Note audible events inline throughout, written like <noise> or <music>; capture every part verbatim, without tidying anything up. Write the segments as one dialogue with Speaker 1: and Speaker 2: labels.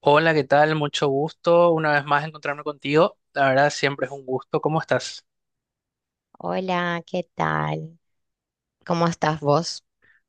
Speaker 1: Hola, ¿qué tal? Mucho gusto una vez más encontrarme contigo. La verdad, siempre es un gusto. ¿Cómo estás?
Speaker 2: Hola, ¿qué tal? ¿Cómo estás vos?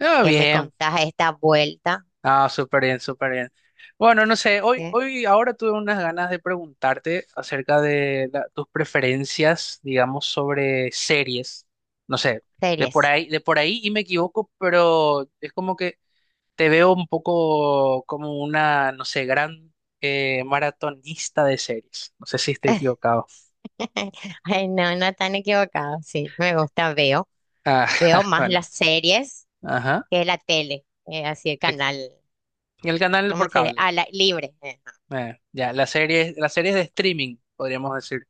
Speaker 1: Ah,
Speaker 2: ¿Qué me
Speaker 1: bien.
Speaker 2: contás a esta vuelta?
Speaker 1: Ah, súper bien, súper bien. Bueno, no sé, hoy,
Speaker 2: ¿Qué
Speaker 1: hoy, ahora tuve unas ganas de preguntarte acerca de la- tus preferencias, digamos, sobre series. No sé, de por
Speaker 2: series?
Speaker 1: ahí, de por ahí y me equivoco, pero es como que te veo un poco como una, no sé, gran eh, maratonista de series. No sé si estoy
Speaker 2: <laughs>
Speaker 1: equivocado.
Speaker 2: Ay, no, no tan equivocado. Sí, me gusta, veo.
Speaker 1: Ah,
Speaker 2: Veo
Speaker 1: <laughs>
Speaker 2: más
Speaker 1: bueno,
Speaker 2: las series
Speaker 1: ajá.
Speaker 2: que la tele, eh, así el canal,
Speaker 1: El canal
Speaker 2: ¿cómo
Speaker 1: por
Speaker 2: se dice?
Speaker 1: cable.
Speaker 2: Ah, la libre. eh.
Speaker 1: Eh, ya, las series, las series de streaming, podríamos decir,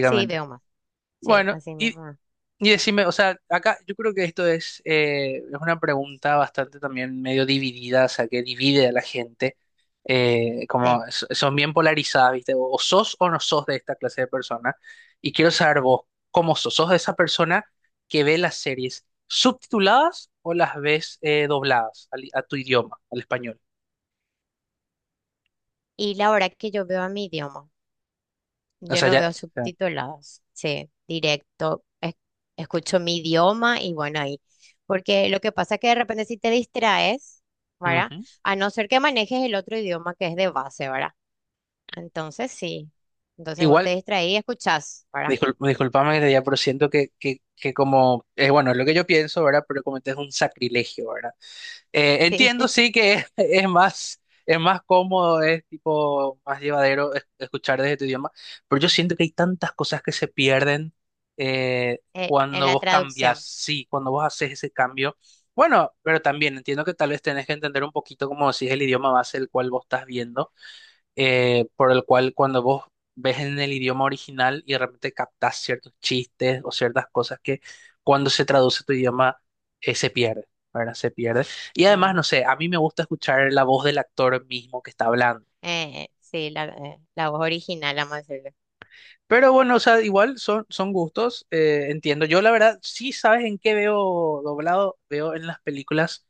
Speaker 2: Sí, veo más. Sí,
Speaker 1: Bueno,
Speaker 2: así
Speaker 1: y,
Speaker 2: mismo.
Speaker 1: y decime, o sea, acá yo creo que esto es, eh, es una pregunta bastante también medio dividida, o sea, que divide a la gente. eh, como
Speaker 2: Sí.
Speaker 1: so- son bien polarizadas, ¿viste? O, o sos o no sos de esta clase de persona. Y quiero saber vos, ¿cómo sos? ¿Sos de esa persona que ve las series subtituladas o las ves eh, dobladas al- a tu idioma, al español?
Speaker 2: Y la hora que yo veo a mi idioma.
Speaker 1: O
Speaker 2: Yo
Speaker 1: sea,
Speaker 2: no
Speaker 1: ya.
Speaker 2: veo
Speaker 1: O sea,
Speaker 2: subtituladas, sí, directo. Es- escucho mi idioma y bueno, ahí. Porque lo que pasa es que de repente si te distraes, ¿verdad?
Speaker 1: ujú.
Speaker 2: A no ser que manejes el otro idioma que es de base, ¿verdad? Entonces sí. Entonces vos
Speaker 1: Igual.
Speaker 2: te distraís y escuchás, ¿verdad?
Speaker 1: Discul- disculpame que te pero siento que, que, que como, eh, bueno, es lo que yo pienso, ¿verdad? Pero como este es un sacrilegio, ¿verdad? Eh,
Speaker 2: <laughs>
Speaker 1: entiendo,
Speaker 2: Sí,
Speaker 1: sí, que es, <laughs> es más, es más cómodo, es tipo más llevadero, es- escuchar desde tu idioma, pero yo siento que hay tantas cosas que se pierden, eh,
Speaker 2: eh, en
Speaker 1: cuando
Speaker 2: la
Speaker 1: vos cambias,
Speaker 2: traducción.
Speaker 1: sí, cuando vos haces ese cambio. Bueno, pero también entiendo que tal vez tenés que entender un poquito como si es el idioma base el cual vos estás viendo, eh, por el cual cuando vos ves en el idioma original y de repente captás ciertos chistes o ciertas cosas que cuando se traduce a tu idioma eh, se pierde, ¿verdad? Se pierde. Y además,
Speaker 2: eh,
Speaker 1: no sé, a mí me gusta escuchar la voz del actor mismo que está hablando.
Speaker 2: eh, sí, la, eh, la voz original, vamos a decirle.
Speaker 1: Pero bueno, o sea, igual son, son gustos, eh, entiendo. Yo la verdad, sí sabes en qué veo doblado, veo en las películas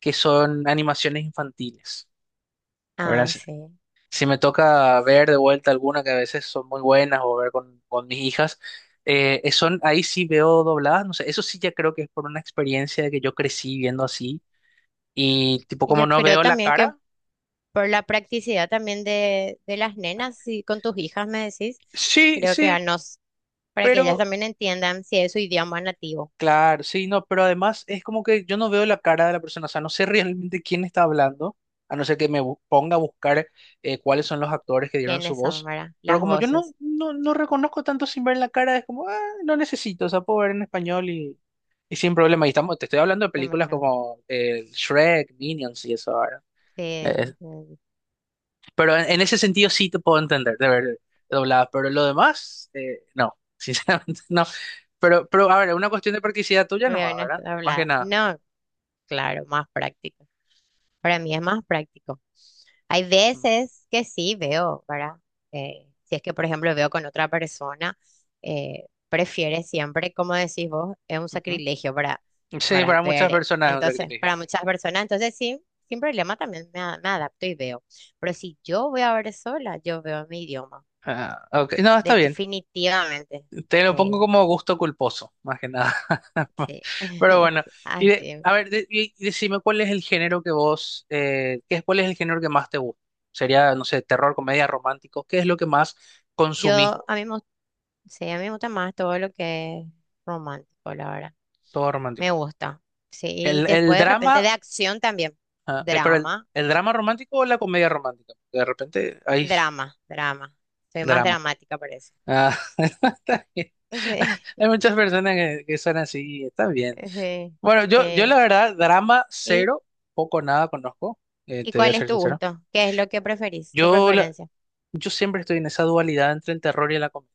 Speaker 1: que son animaciones infantiles, ¿verdad?
Speaker 2: Ah, sí.
Speaker 1: Si me toca ver de vuelta alguna que a veces son muy buenas o ver con, con mis hijas, eh, eh, son, ahí sí veo dobladas, no sé, eso sí ya creo que es por una experiencia de que yo crecí viendo así y tipo
Speaker 2: Y
Speaker 1: como
Speaker 2: yo
Speaker 1: no
Speaker 2: creo
Speaker 1: veo la
Speaker 2: también que
Speaker 1: cara,
Speaker 2: por la practicidad también de, de las nenas, y con tus hijas me decís,
Speaker 1: sí,
Speaker 2: creo que
Speaker 1: sí,
Speaker 2: a nos, para que ellas
Speaker 1: pero
Speaker 2: también entiendan si es su idioma nativo,
Speaker 1: claro, sí, no, pero además es como que yo no veo la cara de la persona, o sea, no sé <laughs> realmente quién está hablando, a no ser que me bu- ponga a buscar eh, cuáles son los actores que dieron su
Speaker 2: quiénes son,
Speaker 1: voz,
Speaker 2: ¿verdad?
Speaker 1: pero
Speaker 2: Las
Speaker 1: como yo no,
Speaker 2: voces.
Speaker 1: no, no reconozco tanto sin ver la cara, es como, ah, no necesito, o sea, puedo ver en español y, y sin problema, y estamos, te estoy hablando de
Speaker 2: Sí,
Speaker 1: películas
Speaker 2: bueno,
Speaker 1: como eh, Shrek, Minions y eso ahora,
Speaker 2: sí, sí,
Speaker 1: pero en, en ese sentido sí te puedo entender de ver doblada, pero lo demás, eh, no, <laughs> sinceramente no. Pero, pero a ver, una cuestión de practicidad tuya
Speaker 2: me veo
Speaker 1: nomás,
Speaker 2: en
Speaker 1: ¿verdad?
Speaker 2: esta
Speaker 1: Más que
Speaker 2: hablada.
Speaker 1: nada.
Speaker 2: No, claro, más práctico. Para mí es más práctico. Hay
Speaker 1: Mm,
Speaker 2: veces que sí veo, ¿verdad? Eh, si es que, por ejemplo, veo con otra persona, eh, prefiere siempre, como decís vos, es un
Speaker 1: ujú.
Speaker 2: sacrilegio para,
Speaker 1: Sí,
Speaker 2: para
Speaker 1: para muchas
Speaker 2: ver. eh,
Speaker 1: personas es un
Speaker 2: Entonces,
Speaker 1: sacrificio.
Speaker 2: para muchas personas, entonces sí, sin problema también me, a- me adapto y veo. Pero si yo voy a ver sola, yo veo en mi idioma.
Speaker 1: Ah, ok. No, está bien.
Speaker 2: Definitivamente.
Speaker 1: Te lo pongo
Speaker 2: Sí,
Speaker 1: como gusto culposo, más que nada.
Speaker 2: sí.
Speaker 1: <laughs> Pero bueno,
Speaker 2: <laughs>
Speaker 1: y de-
Speaker 2: Así.
Speaker 1: a ver, de- y y decime cuál es el género que vos, eh, ¿qué es, cuál es el género que más te gusta? Sería, no sé, terror, comedia, romántico. ¿Qué es lo que más consumís?
Speaker 2: Yo, a mí me Sí, a mí me gusta más todo lo que es romántico, la verdad.
Speaker 1: ¿Todo romántico?
Speaker 2: Me gusta. Sí, y
Speaker 1: ¿El, el
Speaker 2: después de repente
Speaker 1: drama?
Speaker 2: de acción también.
Speaker 1: Ah, eh, pero el,
Speaker 2: Drama,
Speaker 1: el drama romántico o la comedia romántica, porque de repente hay
Speaker 2: drama, drama. Soy más
Speaker 1: drama.
Speaker 2: dramática, parece.
Speaker 1: Ah, <laughs> está bien.
Speaker 2: Sí,
Speaker 1: Hay muchas personas que, que son así, está bien.
Speaker 2: <laughs> sí,
Speaker 1: Bueno, yo, yo la
Speaker 2: sí.
Speaker 1: verdad, drama
Speaker 2: ¿Y,
Speaker 1: cero, poco o nada conozco, eh,
Speaker 2: y
Speaker 1: te voy a
Speaker 2: cuál es
Speaker 1: ser
Speaker 2: tu
Speaker 1: sincero.
Speaker 2: gusto? ¿Qué es lo que preferís? ¿Tu
Speaker 1: Yo, la-
Speaker 2: preferencia?
Speaker 1: yo siempre estoy en esa dualidad entre el terror y la comedia.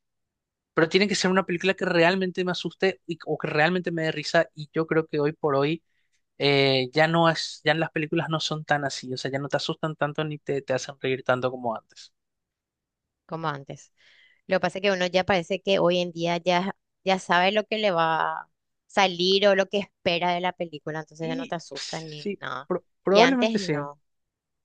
Speaker 1: Pero tiene que ser una película que realmente me asuste y- o que realmente me dé risa. Y yo creo que hoy por hoy eh, ya no es, ya las películas no son tan así. O sea, ya no te asustan tanto ni te, te hacen reír tanto como antes.
Speaker 2: Como antes. Lo que pasa es que uno ya parece que hoy en día ya, ya sabe lo que le va a salir o lo que espera de la película, entonces ya no
Speaker 1: Y
Speaker 2: te asusta ni
Speaker 1: sí,
Speaker 2: nada.
Speaker 1: pro-
Speaker 2: Y
Speaker 1: probablemente
Speaker 2: antes
Speaker 1: sí.
Speaker 2: no,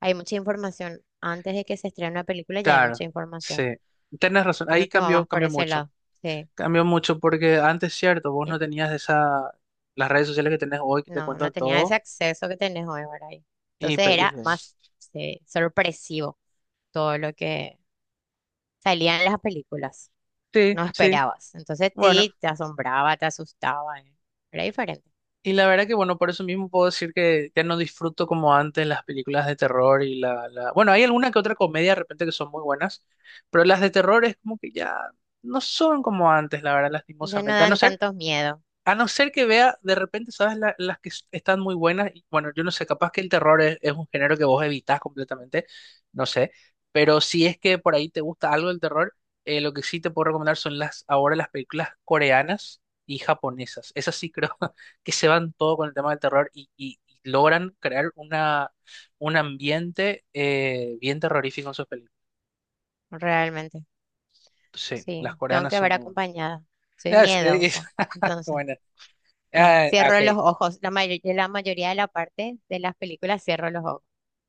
Speaker 2: hay mucha información. Antes de que se estrene una película ya hay
Speaker 1: Claro,
Speaker 2: mucha información.
Speaker 1: sí. Tienes razón.
Speaker 2: Creo
Speaker 1: Ahí
Speaker 2: que va
Speaker 1: cambió,
Speaker 2: más por
Speaker 1: cambió
Speaker 2: ese
Speaker 1: mucho.
Speaker 2: lado. Sí.
Speaker 1: Cambió mucho porque antes, cierto, vos
Speaker 2: Eh,
Speaker 1: no tenías esa, las redes sociales que tenés hoy que te
Speaker 2: No, no
Speaker 1: cuentan
Speaker 2: tenía ese
Speaker 1: todo.
Speaker 2: acceso que tenés hoy, ¿verdad? Y
Speaker 1: Y,
Speaker 2: entonces
Speaker 1: pe- y-
Speaker 2: era más sí, sorpresivo todo lo que salían las películas,
Speaker 1: sí,
Speaker 2: no
Speaker 1: sí.
Speaker 2: esperabas. Entonces
Speaker 1: Bueno,
Speaker 2: sí, te asombraba, te asustaba, eh, era diferente.
Speaker 1: y la verdad que, bueno, por eso mismo puedo decir que ya no disfruto como antes las películas de terror y la, la... Bueno, hay alguna que otra comedia de repente que son muy buenas, pero las de terror es como que ya no son como antes, la verdad,
Speaker 2: Ya no
Speaker 1: lastimosamente. A no
Speaker 2: dan
Speaker 1: ser
Speaker 2: tantos miedos,
Speaker 1: A no ser que vea, de repente, ¿sabes? La- las que s- están muy buenas. Y bueno, yo no sé, capaz que el terror es, es un género que vos evitás completamente, no sé. Pero si es que por ahí te gusta algo del terror, eh, lo que sí te puedo recomendar son las, ahora las películas coreanas y japonesas. Esas sí creo <laughs> que se van todo con el tema del terror y, y- y logran crear una, un ambiente eh, bien terrorífico en sus películas.
Speaker 2: realmente.
Speaker 1: Sí,
Speaker 2: Sí,
Speaker 1: las
Speaker 2: tengo
Speaker 1: coreanas
Speaker 2: que
Speaker 1: son
Speaker 2: ver
Speaker 1: muy buenas.
Speaker 2: acompañada. Soy
Speaker 1: Ah, Es- es-
Speaker 2: miedosa.
Speaker 1: <laughs>
Speaker 2: Entonces,
Speaker 1: bueno,
Speaker 2: eh,
Speaker 1: ah, ok.
Speaker 2: cierro los ojos. La may- la mayoría de la parte de las películas cierro los ojos.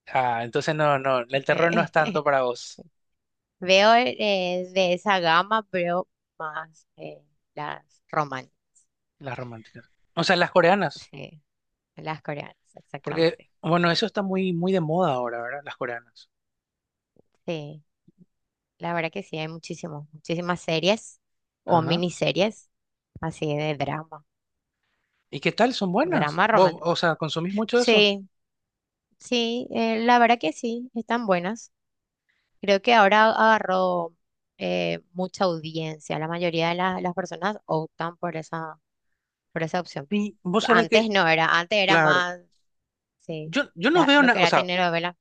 Speaker 1: Ah, entonces no, no, el terror no es
Speaker 2: <laughs>
Speaker 1: tanto para vos.
Speaker 2: Veo eh, de esa gama, veo más eh, las romanas,
Speaker 1: Las románticas. O sea, las coreanas,
Speaker 2: sí, las coreanas,
Speaker 1: porque,
Speaker 2: exactamente.
Speaker 1: bueno,
Speaker 2: Sí,
Speaker 1: eso está muy, muy de moda ahora, ¿verdad? Las coreanas.
Speaker 2: sí. La verdad que sí, hay muchísimos, muchísimas series o
Speaker 1: Ajá.
Speaker 2: miniseries así de drama,
Speaker 1: ¿Y qué tal? ¿Son buenas?
Speaker 2: drama
Speaker 1: ¿Vos,
Speaker 2: romántico.
Speaker 1: o sea, consumís mucho eso?
Speaker 2: Sí, sí, eh, la verdad que sí, están buenas. Creo que ahora agarró eh, mucha audiencia. La mayoría de la- las personas optan por esa, por esa opción.
Speaker 1: Y vos
Speaker 2: Que
Speaker 1: sabés
Speaker 2: antes
Speaker 1: que,
Speaker 2: no era, antes era
Speaker 1: claro,
Speaker 2: más, sí,
Speaker 1: yo, yo no
Speaker 2: la-
Speaker 1: veo
Speaker 2: lo que
Speaker 1: nada, o
Speaker 2: era
Speaker 1: sea,
Speaker 2: telenovela.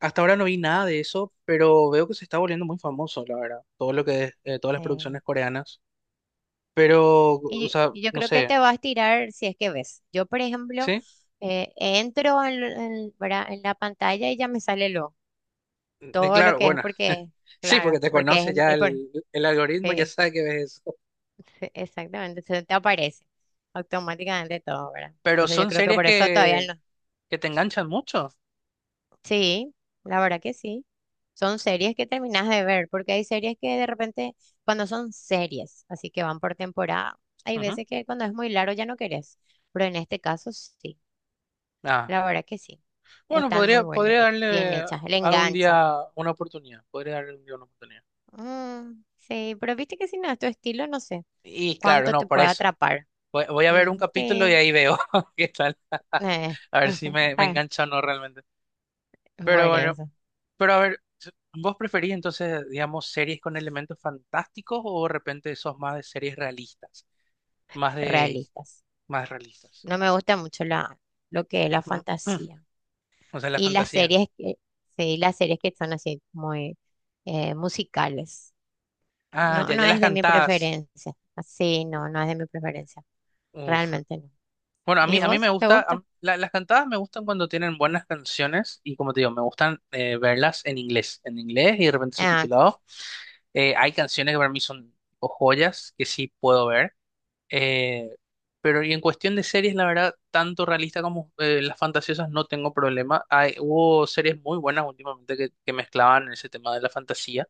Speaker 1: hasta ahora no vi nada de eso, pero veo que se está volviendo muy famoso, la verdad, todo lo que es, eh, todas las producciones coreanas. Pero, o
Speaker 2: Y,
Speaker 1: sea,
Speaker 2: y yo
Speaker 1: no
Speaker 2: creo que
Speaker 1: sé,
Speaker 2: te vas a tirar si es que ves. Yo, por ejemplo,
Speaker 1: ¿sí?
Speaker 2: eh, entro en, en, ¿verdad? En la pantalla y ya me sale lo,
Speaker 1: Y
Speaker 2: todo lo
Speaker 1: claro,
Speaker 2: que es
Speaker 1: bueno,
Speaker 2: porque,
Speaker 1: <laughs> sí, porque
Speaker 2: claro,
Speaker 1: te
Speaker 2: porque
Speaker 1: conoce
Speaker 2: es,
Speaker 1: ya
Speaker 2: es por-
Speaker 1: el, el algoritmo, ya
Speaker 2: sí,
Speaker 1: sabe que ves eso.
Speaker 2: sí, exactamente, se te aparece automáticamente todo, ¿verdad?
Speaker 1: Pero
Speaker 2: Entonces yo
Speaker 1: son
Speaker 2: creo que
Speaker 1: series
Speaker 2: por eso todavía
Speaker 1: que,
Speaker 2: no.
Speaker 1: que te enganchan mucho.
Speaker 2: Sí, la verdad que sí. Son series que terminas de ver, porque hay series que de repente, cuando son series, así que van por temporada, hay
Speaker 1: Ujú.
Speaker 2: veces que cuando es muy largo ya no querés, pero en este caso sí.
Speaker 1: Ah,
Speaker 2: La verdad que sí.
Speaker 1: bueno,
Speaker 2: Están muy
Speaker 1: podría,
Speaker 2: buenas,
Speaker 1: podría
Speaker 2: bien
Speaker 1: darle
Speaker 2: hechas. Le
Speaker 1: algún
Speaker 2: engancha.
Speaker 1: día una oportunidad. Podría darle un día una oportunidad.
Speaker 2: Mm, sí, pero viste que si no es tu estilo, no sé
Speaker 1: Y claro,
Speaker 2: cuánto
Speaker 1: no,
Speaker 2: te
Speaker 1: por
Speaker 2: puede
Speaker 1: eso.
Speaker 2: atrapar.
Speaker 1: Voy, voy a ver un
Speaker 2: Mm,
Speaker 1: capítulo y
Speaker 2: sí.
Speaker 1: ahí veo <laughs> qué tal. <laughs>
Speaker 2: Eh,
Speaker 1: A ver si me,
Speaker 2: <laughs>
Speaker 1: me
Speaker 2: pa-
Speaker 1: engancha o no realmente. Pero
Speaker 2: Por
Speaker 1: bueno,
Speaker 2: eso,
Speaker 1: pero a ver, ¿vos preferís entonces, digamos, series con elementos fantásticos o de repente sos más de series realistas? Más de,
Speaker 2: realistas.
Speaker 1: más realistas.
Speaker 2: No me gusta mucho la, lo que es la
Speaker 1: Mm, mm.
Speaker 2: fantasía.
Speaker 1: O sea, la
Speaker 2: Y las
Speaker 1: fantasía.
Speaker 2: series que, sí, las series que son así muy eh, musicales.
Speaker 1: Ah,
Speaker 2: No,
Speaker 1: ya,
Speaker 2: no
Speaker 1: ya las
Speaker 2: es de mi
Speaker 1: cantás.
Speaker 2: preferencia. Sí, no, no es de mi preferencia.
Speaker 1: Uf.
Speaker 2: Realmente no.
Speaker 1: Bueno, a mí,
Speaker 2: ¿Y
Speaker 1: a mí me
Speaker 2: vos? ¿Te
Speaker 1: gusta, a m-
Speaker 2: gusta?
Speaker 1: la- las cantadas me gustan cuando tienen buenas canciones y como te digo, me gustan eh, verlas en inglés, en inglés y de repente
Speaker 2: Ah,
Speaker 1: subtitulado. Eh, hay canciones que para mí son tipo joyas que sí puedo ver, eh, pero y en cuestión de series, la verdad, tanto realista como eh, las fantasiosas no tengo problema. Hay, hubo series muy buenas últimamente que, que mezclaban ese tema de la fantasía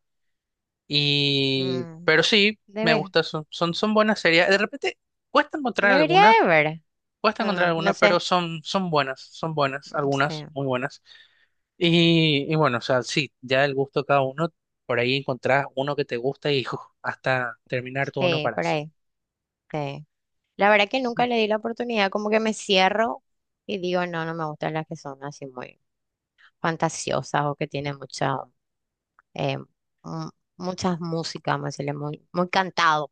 Speaker 1: y,
Speaker 2: mm,
Speaker 1: pero sí,
Speaker 2: de
Speaker 1: me
Speaker 2: ver-
Speaker 1: gusta, son, son, son buenas series. De repente cuesta encontrar
Speaker 2: Debería
Speaker 1: algunas.
Speaker 2: de ver.
Speaker 1: Cuesta encontrar
Speaker 2: Ah, no
Speaker 1: algunas, pero
Speaker 2: sé.
Speaker 1: son, son buenas, son buenas,
Speaker 2: Mm,
Speaker 1: algunas
Speaker 2: sí,
Speaker 1: muy buenas. Y, y bueno, o sea, sí, ya el gusto de cada uno, por ahí encontrás uno que te gusta y <laughs> uf, hasta terminar todo no
Speaker 2: sí, por
Speaker 1: paras.
Speaker 2: ahí. Sí. La verdad que nunca le di la oportunidad, como que me cierro y digo, no, no me gustan las que son así muy fantasiosas o que tienen mucha, eh, mm, muchas músicas, vamos a decirle, muy, muy cantado.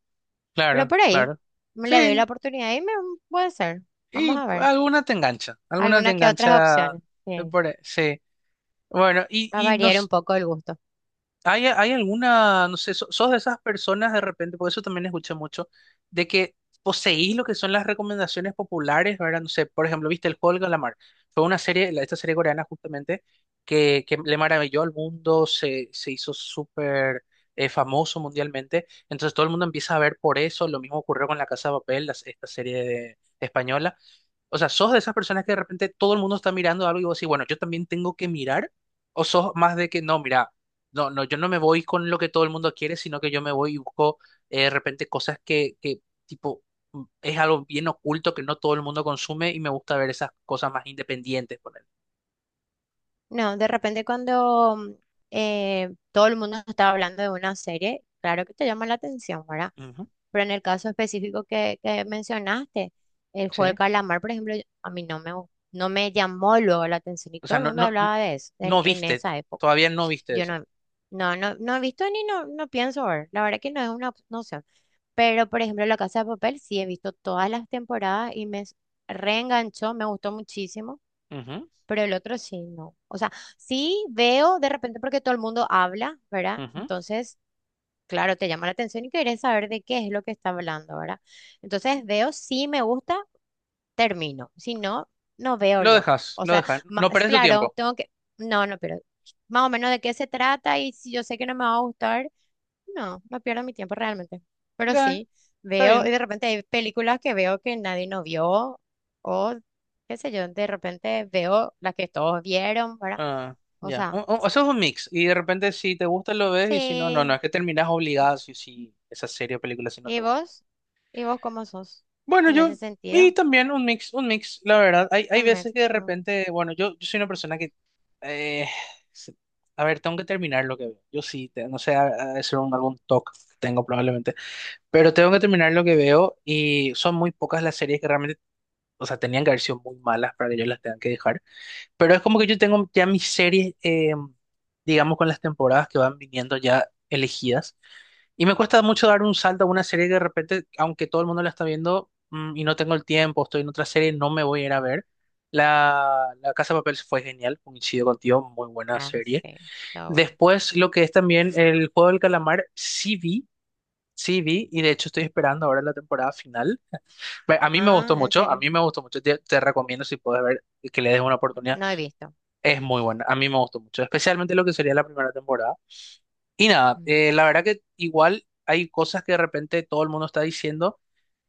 Speaker 2: Pero
Speaker 1: Claro,
Speaker 2: por ahí
Speaker 1: claro.
Speaker 2: me le doy
Speaker 1: Sí,
Speaker 2: la oportunidad y me puede ser. Vamos
Speaker 1: y
Speaker 2: a ver.
Speaker 1: alguna te engancha, alguna te
Speaker 2: Algunas que otras
Speaker 1: engancha.
Speaker 2: opciones.
Speaker 1: Eh,
Speaker 2: Sí.
Speaker 1: por ahí, sí. Bueno, y,
Speaker 2: Va a
Speaker 1: y no.
Speaker 2: variar un poco el gusto.
Speaker 1: ¿Hay, hay alguna, no sé, so- sos de esas personas de repente, por eso también escuché mucho, de que poseís lo que son las recomendaciones populares, ¿verdad? No sé, por ejemplo, viste El Juego del Calamar. Fue una serie, la- esta serie coreana justamente, que, que le maravilló al mundo, se, se hizo súper eh, famoso mundialmente. Entonces todo el mundo empieza a ver por eso. Lo mismo ocurrió con La Casa de Papel, las- esta serie de- española. O sea, ¿sos de esas personas que de repente todo el mundo está mirando algo y vos decís, bueno, yo también tengo que mirar? ¿O sos más de que no, mira, no, no, yo no me voy con lo que todo el mundo quiere, sino que yo me voy y busco eh, de repente cosas que, que, tipo, mm, es algo bien oculto que no todo el mundo consume y me gusta ver esas cosas más independientes, por.
Speaker 2: No, de repente cuando mm, eh, todo el mundo está hablando de una serie, claro que te llama la atención, ¿verdad?
Speaker 1: Ujú,
Speaker 2: Pero en el caso específico que, que mencionaste, el juego del
Speaker 1: sí.
Speaker 2: calamar, por ejemplo, a mí no me, gu- no me llamó luego la atención y
Speaker 1: O sea,
Speaker 2: todo el
Speaker 1: no,
Speaker 2: mundo
Speaker 1: no,
Speaker 2: hablaba de eso en,
Speaker 1: no
Speaker 2: en
Speaker 1: viste,
Speaker 2: esa época.
Speaker 1: todavía no viste
Speaker 2: Yo
Speaker 1: eso.
Speaker 2: no, no, no, no he visto ni no, no pienso ver. La verdad que no es una op- no sé. Pero, por ejemplo, La Casa de Papel sí he visto todas las temporadas y me s- reenganchó, me gustó muchísimo pero el otro sí, no. O sea, sí veo de repente porque todo el mundo habla, ¿verdad?
Speaker 1: Ujú, ujú.
Speaker 2: Entonces, claro, te llama la atención y quieres saber de qué es lo que está hablando, ¿verdad? Entonces veo si me gusta, termino. Si no, no veo
Speaker 1: Lo
Speaker 2: lo.
Speaker 1: dejas,
Speaker 2: O
Speaker 1: lo
Speaker 2: sea,
Speaker 1: dejas,
Speaker 2: ma-
Speaker 1: no
Speaker 2: es
Speaker 1: perdes tu
Speaker 2: claro,
Speaker 1: tiempo.
Speaker 2: tengo que, no, no, pero más o menos de qué se trata y si yo sé que no me va a gustar, no, no pierdo mi tiempo realmente. Pero
Speaker 1: Ya,
Speaker 2: sí,
Speaker 1: está
Speaker 2: veo, y
Speaker 1: bien.
Speaker 2: de repente hay películas que veo que nadie no vio, o qué sé yo, de repente veo las que todos vieron, ¿verdad?
Speaker 1: Ah,
Speaker 2: O
Speaker 1: ya, O-
Speaker 2: sea,
Speaker 1: o- eso es un mix y de repente si te gusta lo ves y si no, no, no,
Speaker 2: sí.
Speaker 1: es que terminas obligado si, si esa serie o película si no te
Speaker 2: ¿Y
Speaker 1: gusta.
Speaker 2: vos? ¿Y vos cómo sos?
Speaker 1: Bueno,
Speaker 2: En ese
Speaker 1: yo, y
Speaker 2: sentido,
Speaker 1: también un mix, un mix, la verdad. Hay, hay
Speaker 2: un
Speaker 1: veces
Speaker 2: mix.
Speaker 1: que de
Speaker 2: Mm.
Speaker 1: repente, bueno, yo, yo soy una persona que, eh, se- a ver, tengo que terminar lo que veo. Yo sí, te- no sé, a- a- es un, algún TOC que tengo probablemente, pero tengo que terminar lo que veo y son muy pocas las series que realmente, o sea, tenían que haber sido muy malas para que yo las tenga que dejar. Pero es como que yo tengo ya mis series, eh, digamos, con las temporadas que van viniendo ya elegidas. Y me cuesta mucho dar un salto a una serie que de repente, aunque todo el mundo la está viendo, mm, y no tengo el tiempo, estoy en otra serie, no me voy a ir a ver. La, la Casa de Papel fue genial, coincido contigo, muy buena
Speaker 2: Ah,
Speaker 1: serie.
Speaker 2: sí, todo bueno.
Speaker 1: Después, lo que es también el Juego del Calamar, sí vi, sí vi, y de hecho estoy esperando ahora la temporada final. Ve, A mí me
Speaker 2: Ah,
Speaker 1: gustó
Speaker 2: en
Speaker 1: mucho, a
Speaker 2: serio,
Speaker 1: mí me gustó mucho, te, te recomiendo si puedes ver que le des una oportunidad,
Speaker 2: no he visto.
Speaker 1: es muy buena, a mí me gustó mucho, especialmente lo que sería la primera temporada. Y nada,
Speaker 2: Ujú.
Speaker 1: eh, la verdad que igual hay cosas que de repente todo el mundo está diciendo,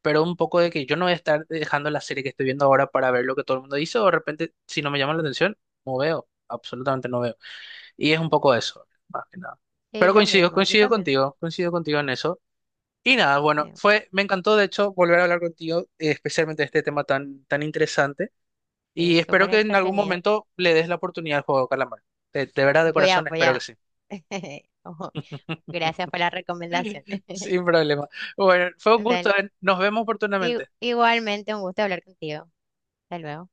Speaker 1: pero un poco de que yo no voy a estar dejando la serie que estoy viendo ahora para ver lo que todo el mundo dice, o de repente si no me llama la atención, no veo, absolutamente no veo. Y es un poco eso, más que nada.
Speaker 2: Sí,
Speaker 1: Pero
Speaker 2: lo
Speaker 1: coincido,
Speaker 2: mismo, yo
Speaker 1: coincido
Speaker 2: también.
Speaker 1: contigo, coincido contigo en eso. Y nada, bueno,
Speaker 2: Sí,
Speaker 1: fue, me encantó de hecho volver a hablar contigo, eh, especialmente de este tema tan, tan interesante, y
Speaker 2: sí,
Speaker 1: espero
Speaker 2: súper
Speaker 1: que en algún
Speaker 2: entretenido.
Speaker 1: momento le des la oportunidad al juego de calamar. De, de verdad, de
Speaker 2: Voy a,
Speaker 1: corazón,
Speaker 2: voy
Speaker 1: espero que
Speaker 2: a.
Speaker 1: sí.
Speaker 2: <laughs> Ojo, gracias por la recomendación.
Speaker 1: <laughs>
Speaker 2: <laughs>
Speaker 1: Sin problema. Bueno, fue un gusto,
Speaker 2: Dale.
Speaker 1: ¿eh? Nos vemos
Speaker 2: I-
Speaker 1: oportunamente.
Speaker 2: igualmente, un gusto hablar contigo. Hasta luego.